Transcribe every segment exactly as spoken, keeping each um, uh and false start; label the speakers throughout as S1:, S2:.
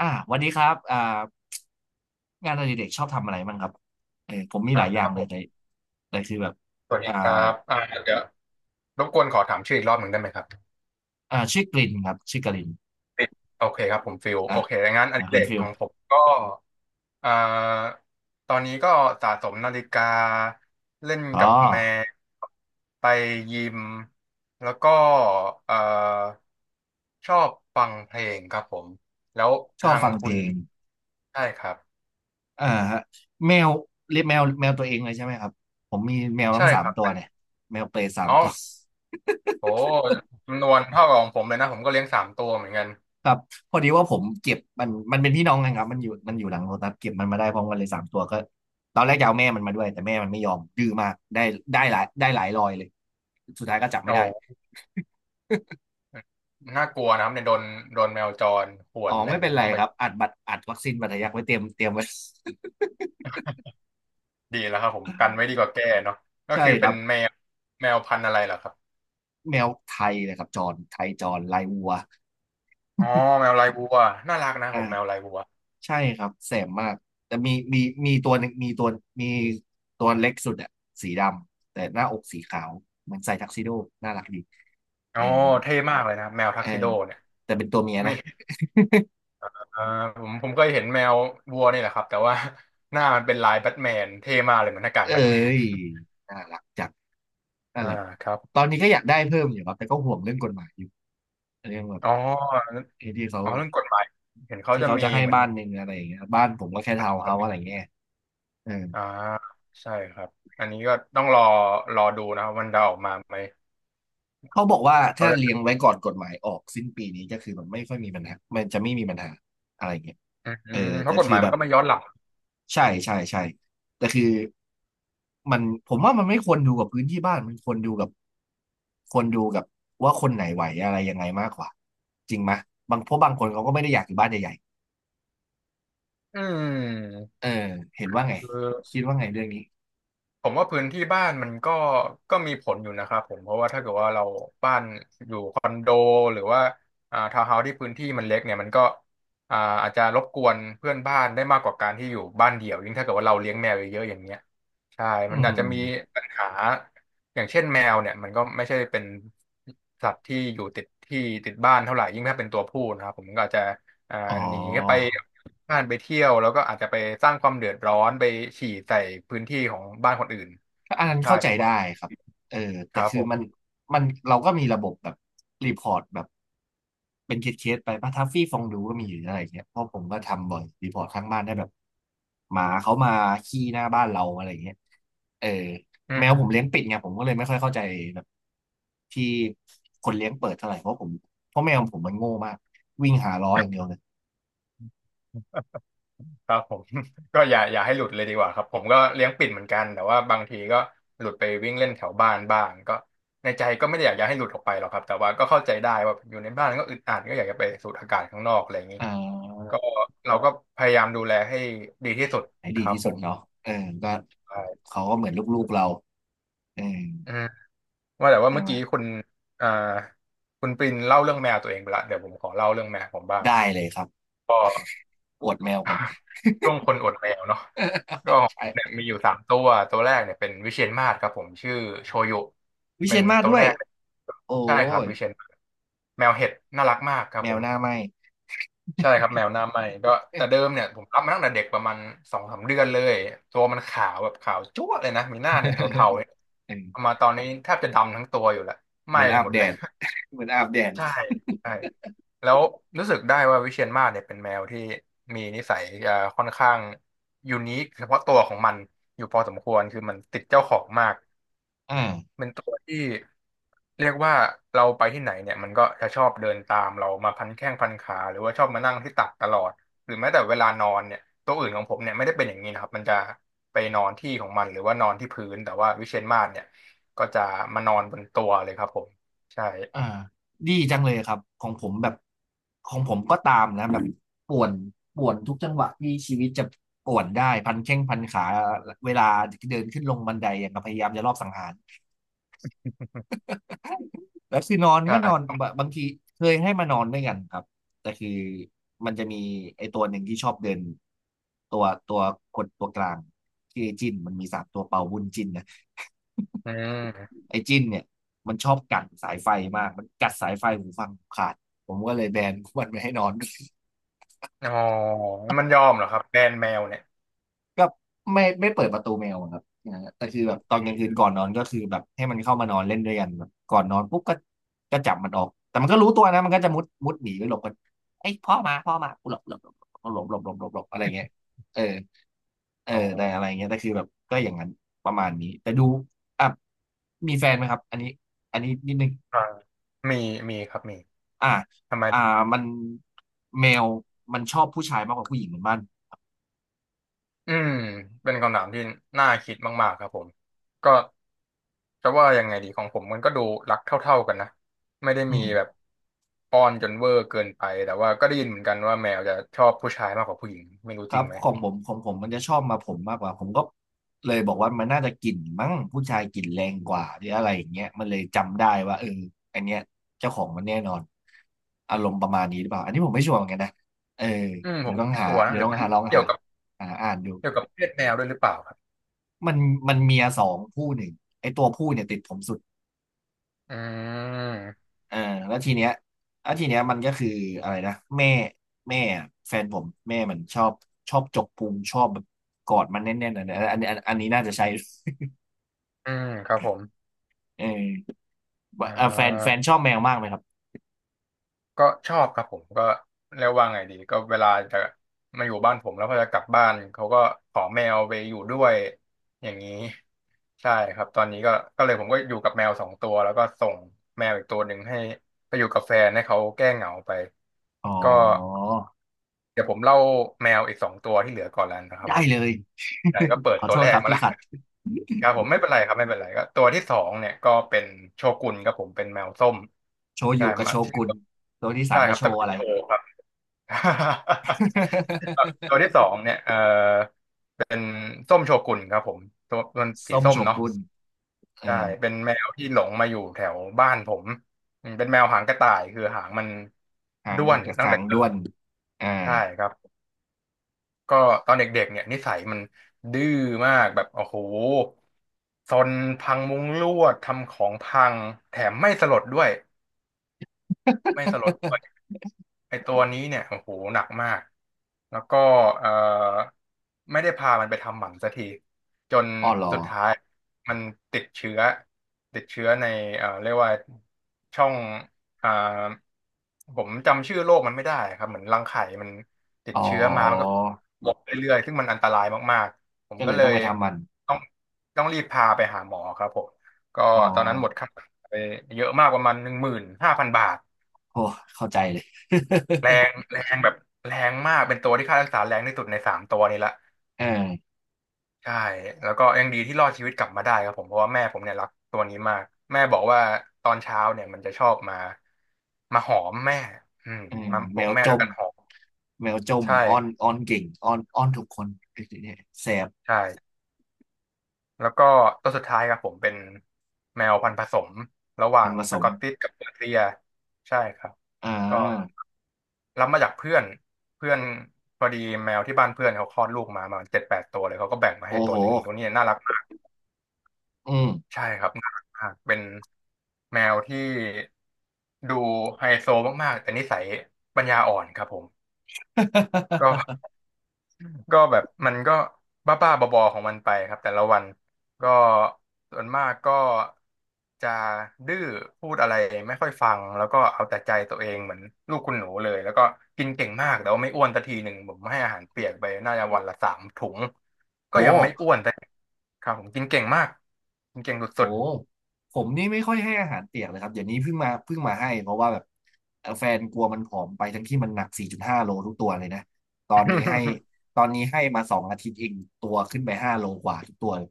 S1: อ่าวันนี้ครับอ่างานอดิเรกชอบทำอะไรบ้างครับเออผมมีห
S2: อ่า
S1: ลายอ
S2: ค
S1: ย่าง
S2: รับ
S1: เล
S2: ผ
S1: ย
S2: ม
S1: แต่แต่คือแบบ
S2: สวัสดี
S1: อ่า
S2: ครับอ่าเดี๋ยวรบกวนขอถามชื่ออีกรอบหนึ่งได้ไหมครับ
S1: อ่าชื่อกลินครับชื่อกลิน
S2: ฟิลโอเคครับผมฟิล
S1: อ่ะ
S2: โอเคงั้นอ
S1: อ่า
S2: ดิเร
S1: คุณ
S2: ก
S1: ฟิ
S2: ข
S1: ล
S2: องผมก็อ่าตอนนี้ก็สะสมนาฬิกาเล่น
S1: อ๋อ
S2: กับแมวไปยิมแล้วก็เอ่อชอบฟังเพลงครับผมแล้ว
S1: ชอบ
S2: ทาง
S1: ฟังเพ
S2: คุ
S1: ล
S2: ณ
S1: ง
S2: ใช่ครับ
S1: อ่าฮะแมวเลี้ยงแมวแมวตัวเองเลยใช่ไหมครับผมมีแมวทั้
S2: ใช่
S1: งสา
S2: ค
S1: ม
S2: รับ
S1: ตัว
S2: เป็น
S1: เนี่ยแมวเปรย์สาม
S2: อ๋อ
S1: ตัว
S2: โหจำนวนเท่ากับของผมเลยนะผมก็เลี้ยงสามตัวเหมือนกัน
S1: ครับพอดีว่าผมเก็บมันมันเป็นพี่น้องกันครับมันอยู่มันอยู่หลังรถนะเก็บมันมาได้พร้อมกันเลยสามตัวก็ตอนแรกจะเอาแม่มันมาด้วยแต่แม่มันไม่ยอมดื้อมากได้ได้หลายได้หลายรอยเลยสุดท้ายก็จับไม่
S2: โอ้
S1: ได้
S2: โห น่ากลัวนะครับเนี่ยโดนโดนแมวจรข่ว
S1: อ๋อ
S2: นอะไร
S1: ไม่เป็น
S2: นี่
S1: ไร
S2: ต้องไป
S1: ครับอัดบัตรอัดวัคซีนบัตรทะยักไว้เตรียมเตรียมไว้
S2: ดีแล้วครับผมกันไว้ดีกว่าแก้เนาะ ก็
S1: ใช่
S2: คือ
S1: ค
S2: เป็
S1: รั
S2: น
S1: บ
S2: แมวแมวพันธุ์อะไรเหรอครับ
S1: แมวไทยนะครับจรไทยจรลายวัว
S2: อ๋อแมวลายบัวน่ารักนะผมแมว
S1: อ่า
S2: ลายบัว
S1: ใช่ครับแสบมากแต่มีมีมีตัวหนึ่งมีตัวมีตัวเล็กสุดอะสีดำแต่หน้าอกสีขาวเหมอนใส่ทักซิโดน่ารักดี
S2: อ๋
S1: เอ
S2: อ
S1: อ
S2: เท่มากเลยนะครับแมว
S1: เอ
S2: ทัก
S1: อ
S2: ซิโดเนี่ย
S1: แต่เป็นตัวเมีย
S2: ไม่
S1: นะ
S2: เออผมผมเคยเห็นแมวบัวนี่แหละครับแต่ว่า หน้ามันเป็นลายแบทแมนเท่มากเลยเหมือนหน้ากาก
S1: เอ้
S2: แบทแมน
S1: ยน่ารักจังนั่น
S2: อ่า
S1: แหละ
S2: ครับ
S1: ตอนนี้ก็อยากได้เพิ่มอยู่ครับแต่ก็ห่วงเรื่องกฎหมายอยู่เรื่องแบบ
S2: อ๋อ
S1: ไอ้ที่เขา
S2: อ๋อเรื่องกฎหมายเห็นเขา
S1: ที่
S2: จะ
S1: เขา
S2: มี
S1: จะให้
S2: เหมือน
S1: บ้านหนึ่งอะไรอย่างเงี้ยบ้านผมก็แค่ทาวน์เฮา
S2: ระ
S1: ส์
S2: เบี
S1: อะ
S2: ย
S1: ไร
S2: บ
S1: เงี้ย เออ
S2: อ่าใช่ครับอันนี้ก็ต้องรอรอดูนะครับมันจะออกมาไหม
S1: เขาบอกว่า
S2: เขา
S1: ถ้าเลี้ยง
S2: จะ
S1: ไว้ก่อนกฎหมายออกสิ้นปีนี้ก็คือมันไม่ค่อยมีปัญหามันจะไม่มีปัญหาอะไรเงี้ย
S2: อื
S1: เอ
S2: ม
S1: อ
S2: เพ
S1: แต่
S2: ราะกฎห
S1: คื
S2: มา
S1: อ
S2: ย
S1: แบ
S2: มัน
S1: บ
S2: ก็ไม่ย้อนหลัง
S1: ใช่ใช่ใช่แต่คือมันผมว่ามันไม่ควรดูกับพื้นที่บ้านมันควรดูกับควรดูกับว่าคนไหนไหวอะไรยังไงมากกว่าจริงไหมยบางเพราะบางคนเขาก็ไม่ได้อยากอยู่บ้านใหญ่
S2: อืม
S1: ๆเออเห็นว่าไง
S2: คือ
S1: คิดว่าไงเรื่องนี้
S2: ผมว่าพื้นที่บ้านมันก็ก็มีผลอยู่นะครับผมเพราะว่าถ้าเกิดว่าเราบ้านอยู่คอนโดหรือว่าอ่าทาวน์เฮาส์ที่พื้นที่มันเล็กเนี่ยมันก็อ่าอาจจะรบกวนเพื่อนบ้านได้มากกว่าการที่อยู่บ้านเดี่ยวยิ่งถ้าเกิดว่าเราเลี้ยงแมวเยอะๆอย่างเงี้ยใช่
S1: อื
S2: มัน
S1: ม
S2: อาจจะมีปัญหาอย่างเช่นแมวเนี่ยมันก็ไม่ใช่เป็นสัตว์ที่อยู่ติดที่ติดบ้านเท่าไหร่ยิ่งถ้าเป็นตัวผู้นะครับผมก็อาจจะ อ่า
S1: อ๋อ
S2: หนีไปบ้านไปเที่ยวแล้วก็อาจจะไปสร้างความเดือดร้อนไปฉี่ใส่พื้นที่ของบ้านคนอื่น
S1: ก็อันนั้น
S2: ใช่
S1: เข้าใจ
S2: ผมว่า
S1: ได้ครับเออ
S2: ค
S1: แต่
S2: รับ
S1: คื
S2: ผ
S1: อมัน
S2: ม
S1: มันเราก็มีระบบแบบรีพอร์ตแบบเป็นเคสเคสไปป่ะทัฟฟี่ฟองดูก็มีอยู่อะไรเงี้ยเพราะผมก็ทำบ่อยรีพอร์ตข้างบ้านได้แบบหมาเขามาขี้หน้าบ้านเราอะไรเงี้ยเออ
S2: อื
S1: แมวผมเลี้ยงปิด
S2: ม
S1: ไงผมก็เลยไม่ค่อยเข้าใจแบบที่คนเลี้ยงเปิดเท่าไหร่เพราะผมเพราะแมวผมมันโง่มากวิ่งหาล้ออย่างเดียวเลย
S2: ครับผม ก็อย่าอย่าให้หลุดเลยดีกว่าครับผมก็เลี้ยงปิ่นเหมือนกันแต่ว่าบางทีก็หลุดไปวิ่งเล่นแถวบ้านบ้างก็ในใจก็ไม่ได้อยากจะให้หลุดออกไปหรอกครับแต่ว่าก็เข้าใจได้ว่าอยู่ในบ้านก็อึดอัดก็อยากจะไปสูดอากาศข้างนอกอะไรอย่างนี้
S1: อ่า
S2: ก็เราก็พยายามดูแลให้ดีที่สุด
S1: ไหน
S2: ค
S1: ดี
S2: รับ
S1: ที่
S2: ผ
S1: สุด
S2: ม
S1: เนาะเออก็
S2: ใช่
S1: เขาก็เหมือนลูกๆเราเออ
S2: อืม ว่าแต่ว่า
S1: ใช่
S2: เมื่อ
S1: ไหม
S2: กี้คุณอ่าคุณปรินเล่าเรื่องแมวตัวเองไปละเดี๋ยวผมขอเล่าเรื่องแมวผมบ้าง
S1: ได้เลยครับ
S2: ก็
S1: อวดแมวกัน
S2: ช่วงคนอดแมวเนาะก็ เนี่ย
S1: ใช่
S2: มีอยู่สามตัวตัวแรกเนี่ยเป็นวิเชียรมาศครับผมชื่อโชยุ
S1: วิ
S2: เป็
S1: เชี
S2: น
S1: ยรมาศ
S2: ตัว
S1: ด้ว
S2: แร
S1: ย
S2: กเลย
S1: โอ้
S2: ใช่ครับ
S1: ย
S2: วิเชียรมาศแมวเห็ดน่ารักมากครับ
S1: แม
S2: ผ
S1: ว
S2: ม
S1: หน้าไหม
S2: ใช่ครับแมวหน้าไหม่ก็แต่เดิมเนี่ยผมรับมาตั้งแต่เด็กประมาณสองสามเดือนเลยตัวมันขาวแบบขาวจั๊วะเลยนะมีหน้าเนี่ยเทา
S1: เออ
S2: ๆเอามาตอนนี้แทบจะดำทั้งตัวอยู่แล้วไห
S1: เห
S2: ม้
S1: มือน
S2: ไป
S1: อาบ
S2: หมด
S1: แด
S2: เลย
S1: ดเหมือนอาบแดด
S2: ใช่ใช่แล้วรู้สึกได้ว่าวิเชียรมาศเนี่ยเป็นแมวที่มีนิสัยจะค่อนข้างยูนิคเฉพาะตัวของมันอยู่พอสมควรคือมันติดเจ้าของมาก
S1: อ่า
S2: เป็นตัวที่เรียกว่าเราไปที่ไหนเนี่ยมันก็จะชอบเดินตามเรามาพันแข้งพันขาหรือว่าชอบมานั่งที่ตักตลอดหรือแม้แต่เวลานอนเนี่ยตัวอื่นของผมเนี่ยไม่ได้เป็นอย่างนี้นะครับมันจะไปนอนที่ของมันหรือว่านอนที่พื้นแต่ว่าวิเชียรมาศเนี่ยก็จะมานอนบนตัวเลยครับผมใช่
S1: อ่าดีจังเลยครับของผมแบบของผมก็ตามนะแบบป่วนป่วนทุกจังหวะที่ชีวิตจะป่วนได้พันแข้งพันขาเวลาเดินขึ้นลงบันไดอย่างกับพยายามจะรอบสังหาร แล้วคือนอนก็นอน
S2: ใช่
S1: บบางทีเคยให้มานอนด้วยกันครับแต่คือมันจะมีไอ้ตัวหนึ่งที่ชอบเดินตัวตัวคนตัวกลางที่อไอ้จิ้นมันมีสามตัวเป่าบุญจิ้นนะ
S2: อืม
S1: ไอ้จิ้นเนี่ยมันชอบกัดสายไฟมากมันกัดสายไฟหูฟังผมขาดผมก็เลยแบนมันไม่ให้นอนด้วย
S2: อ๋อมันยอมเหรอครับแบรนด์แมวเนี่ย
S1: ก็ไม่ไม่เปิดประตูแมวอะครับอ่าแต่คือแบ
S2: อ
S1: บต
S2: ื
S1: อนกลางคื
S2: ม
S1: นก่อนนอนก็คือแบบให้มันเข้ามานอนเล่นด้วยกันแบบก่อนนอนปุ๊บก็ก็จับมันออก แต่มันก็รู้ตัวนะมันก็จะมุดมุดหนีไปหลบกันไอ้ยพ่อมาพ่อมากูหลบหลบหลบหลบหลบหลบหลบหลบอะไรเงี้ยเออเออ
S2: อ๋
S1: แต่อะไรเงี้ย
S2: อ
S1: แต่คือแบบก็อย่างนั้นประมาณนี้ แต่ดูอ่ะมีแฟนไหมครับอันนี้อันนี้นิดนึง
S2: อ่ามีมีครับมี
S1: อ่า
S2: ทำไม
S1: อ่ามันแมวมันชอบผู้ชายมากกว่าผู้หญิงเหมือนบ้าน
S2: อืมเป็นคำถามที่น่าคิดมากๆครับผมก็จะว่ายังไงดีของผมมันก็ดูรักเท่าๆกันนะ ไม่ได้
S1: อื
S2: มี
S1: ม
S2: แบบป้อนจนเวอร์เกินไป แต่ว่าก็ได้ยินเหมือนกันว่าแมวจะชอบผู้ชายมากกว่าผู้หญิงไม่รู้
S1: ค
S2: จ
S1: รั
S2: ริ
S1: บ
S2: งไหม
S1: ของผมของผมมันจะชอบมาผมมากกว่าผมก็เลยบอกว่ามันน่าจะกลิ่นมั้งผู้ชายกลิ่นแรงกว่าหรืออะไรอย่างเงี้ยมันเลยจำได้ว่าเอออันเนี้ยเจ้าของมันแน่นอนอารมณ์ประมาณนี้หรือเปล่าอันนี้ผมไม่ชัวร์เหมือนกันนะเออ
S2: อืมผ
S1: เดี๋ยว
S2: ม
S1: ต้อง
S2: ไม่
S1: หา
S2: ชัวร์นะ
S1: เดี๋ย
S2: ห
S1: ว
S2: รือ
S1: ต้อง
S2: เป็น
S1: หาลอง
S2: เกี่ย
S1: หา
S2: วกับ
S1: หาอ่านดู
S2: เกี่ยวกับเพศแมวด้วยหรือเปล่าครับ
S1: มันมันเมียสองผู้หนึ่งไอ้ตัวผู้เนี่ยติดผมสุด
S2: อืม
S1: เออแล้วทีเนี้ยแล้วทีเนี้ยมันก็คืออะไรนะแม่แม่แฟนผมแม่มันชอบชอบจกพุงชอบแบบกอดมันแน่นๆอันอันอันอันนี้น่าจะใช้
S2: อืมครับผม
S1: เออ
S2: อ่
S1: เอ่อแฟนแฟน
S2: า
S1: ชอบแมวมากไหมครับ
S2: ก็ชอบครับผมก็เรียกว่าไงดีก็เวลาจะมาอยู่บ้านผมแล้วพอจะกลับบ้านเขาก็ขอแมวไปอยู่ด้วยอย่างนี้ใช่ครับตอนนี้ก็ก็เลยผมก็อยู่กับแมวสองตัวแล้วก็ส่งแมวอีกตัวหนึ่งให้ไปอยู่กับแฟนให้เขาแก้เหงาไป
S1: อ๋
S2: ก็
S1: อ
S2: เดี๋ยวผมเล่าแมวอีกสองตัวที่เหลือก่อนแล้วนะครับ
S1: ได้
S2: ผม
S1: เลย
S2: ไหนก็เปิด
S1: ขอ
S2: ตัว
S1: โทษ
S2: แร
S1: ค
S2: ก
S1: รับ
S2: มา
S1: ที่
S2: แล้ว
S1: ขัด
S2: ครับผมไม่เป็นไรครับไม่เป็นไรก็ตัวที่สองเนี่ยก็เป็นโชกุนครับผมเป็นแมวส้ม
S1: โช
S2: ใช่
S1: ยุกับ
S2: มา
S1: โช
S2: ชื่อ
S1: กุนตัวที่สา
S2: ใช่
S1: ม
S2: ค
S1: มา
S2: รับ
S1: โช
S2: ตระ
S1: ว์
S2: กู
S1: อะ
S2: ล
S1: ไร
S2: โช ตัวที่ สองเนี่ยเออเป็นส้มโชกุนครับผมตัวมันสี
S1: ส้ม
S2: ส้
S1: โช
S2: มเนาะ
S1: กุนเอ
S2: ใช่
S1: อ
S2: เป็นแมวที่หลงมาอยู่แถวบ้านผมอืมเป็นแมวหางกระต่ายคือหางมัน
S1: หาง
S2: ด้วนตั้ง
S1: หา
S2: แต่
S1: ง
S2: เกิ
S1: ด้ว
S2: ด
S1: นอ่า
S2: ใช่ครับก็ตอนเด็กๆเนี่ยนิสัยมันดื้อมากแบบโอ้โหซนพังมุ้งลวดทำของพังแถมไม่สลดด้วยไม่สลดด้วย ไอตัวนี้เนี่ยโอ้โหหนักมากแล้วก็เอ่อไม่ได้พามันไปทำหมันสักทีจน
S1: อ้อเหรอ
S2: สุดท้ายมันติดเชื้อติดเชื้อในเอ่อเรียกว่าช่องอ่าผมจำชื่อโรคมันไม่ได้ครับเหมือนรังไข่มันติด
S1: อ๋
S2: เชื้อมามันก็
S1: อ
S2: บมกเรื่อยๆซึ่งมันอันตรายมากๆผม
S1: ก็เล
S2: ก็
S1: ย
S2: เล
S1: ต้อง
S2: ย
S1: ไปทำมัน
S2: ต้องต้องรีบพาไปหาหมอครับผมก็
S1: อ๋อ
S2: ตอนนั้นหมดค่ารักษาไปเยอะมากประมาณหนึ่งหมื่นห้าพันบาท
S1: โอ้เข้าใจเลย
S2: แรงแรงแบบแรงมากเป็นตัวที่ค่ารักษาแรงที่สุดในสามตัวนี้ละ
S1: เออ
S2: ใช่แล้วก็ยังดีที่รอดชีวิตกลับมาได้ครับผมเพราะว่าแม่ผมเนี่ยรักตัวนี้มากแม่บอกว่าตอนเช้าเนี่ยมันจะชอบมามาหอมแม่อืม
S1: เออ
S2: มาป
S1: แม
S2: ลุก
S1: ว
S2: แม่
S1: จ
S2: ด้วย
S1: ม
S2: กันหอม
S1: แมวจม
S2: ใช่
S1: อ้อ
S2: ค
S1: น
S2: รับ
S1: อ้อนเก่งอ้อนอ้อนทุกคนไอ้เนี่ยแสบ
S2: ใช่แล้วก็ตัวสุดท้ายครับผมเป็นแมวพันธุ์ผสมระหว่า
S1: มัน
S2: ง
S1: ผส
S2: ส
S1: ม
S2: กอตติชกับเปอร์เซียใช่ครับ
S1: อ่
S2: ก็
S1: า
S2: รับมาจากเพื่อนเพื่อนพอดีแมวที่บ้านเพื่อนเขาคลอดลูกมาประมาณเจ็ดแปดตัวเลยเขาก็แบ่งมา
S1: โอ้
S2: ให้ตั
S1: โห
S2: วหนึ่งตัวนี้น่ารักมาก
S1: อืม
S2: ใช่ครับน่ารักมากเป็นแมวที่ดูไฮโซมากๆแต่นิสัยปัญญาอ่อนครับผมก็ ก็แบบมันก็บ้าๆบอๆของมันไปครับแต่ละวันก็ส่วนมากก็จะดื้อพูดอะไรไม่ค่อยฟังแล้วก็เอาแต่ใจตัวเองเหมือนลูกคุณหนูเลยแล้วก็กินเก่งมากแต่ว่าไม่อ้วนสักทีหนึ่งผมให้อาหารเปียกไปน่าจะวันละสามถุงก็
S1: โห
S2: ยังไม่อ้วนสักทีครับผมกินเก่งมากกินเก่ง
S1: โห
S2: สุด
S1: ผมนี่ไม่ค่อยให้อาหารเปียกเลยครับ เดี๋ยวนี้เพิ่งมาเพิ่งมาให้เพราะว่าแบบเอ่อแฟนกลัวมันผอมไปทั้งที่มันหนัก สี่จุดห้าโลทุกตัวเลยนะ ตอนนี้ให้ตอนนี้ให้มาสองอาทิตย์เองตัวขึ้นไปห้าโลกว่าทุกตัวเลย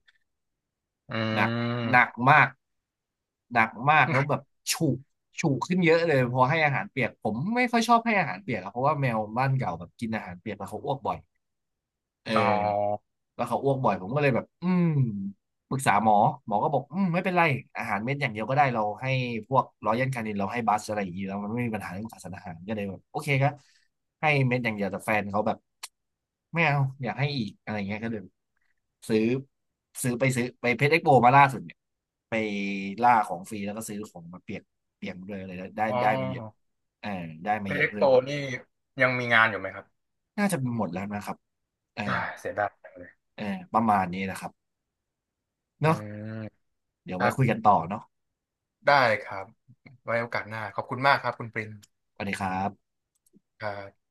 S2: ๆ อื
S1: หนัก
S2: ม
S1: หนักมากหนักมากแล้วแบบฉุกฉุกขึ้นเยอะเลยพอให้อาหารเปียกผมไม่ค่อยชอบให้อาหารเปียกอะเพราะว่าแมวบ้านเก่าแบบกินอาหารเปียกแล้วเขาอ้วกบ่อย เอ
S2: อ๋อ
S1: อแล้วเขาอ้วกบ่อยผมก็เลยแบบอืมปรึกษาหมอหมอก็บอกอืมไม่เป็นไรอาหารเม็ดอย่างเดียวก็ได้เราให้พวกรอยัลคานินเราให้บัสอะไรอย่างนี้แล้วมันไม่มีปัญหาเรื่องขาดสารอาหารก็เลยแบบโอเคครับให้เม็ดอย่างเดียวแต่แฟนเขาแบบไม่เอาอยากให้อีกอะไรเงี้ยก็เลยซื้อซื้อไปซื้อไปเพชรเอ็กโปมาล่าสุดเนี่ยไปล่าของฟรีแล้วก็ซื้อของมาเปียกเปียกเลยอะไรได้ได้
S2: อ๋
S1: ได้มาเยอะ
S2: อ
S1: เออได้มา
S2: เพ
S1: เยอะ
S2: เล็ก
S1: เพิ่
S2: โต
S1: ม
S2: นี่ยังมีงานอยู่ไหมครับ
S1: น่าจะหมดแล้วนะครับเออ
S2: อ่าเสียดาย
S1: เออประมาณนี้นะครับ
S2: อื
S1: เนาะ
S2: ม
S1: เดี๋ยว
S2: ครั
S1: ไว้
S2: บ
S1: คุยกันต่อเนาะ
S2: ได้ครับไว้โอกาสหน้าขอบคุณมากครับคุณปริน
S1: สวัสดีครับ
S2: ครับ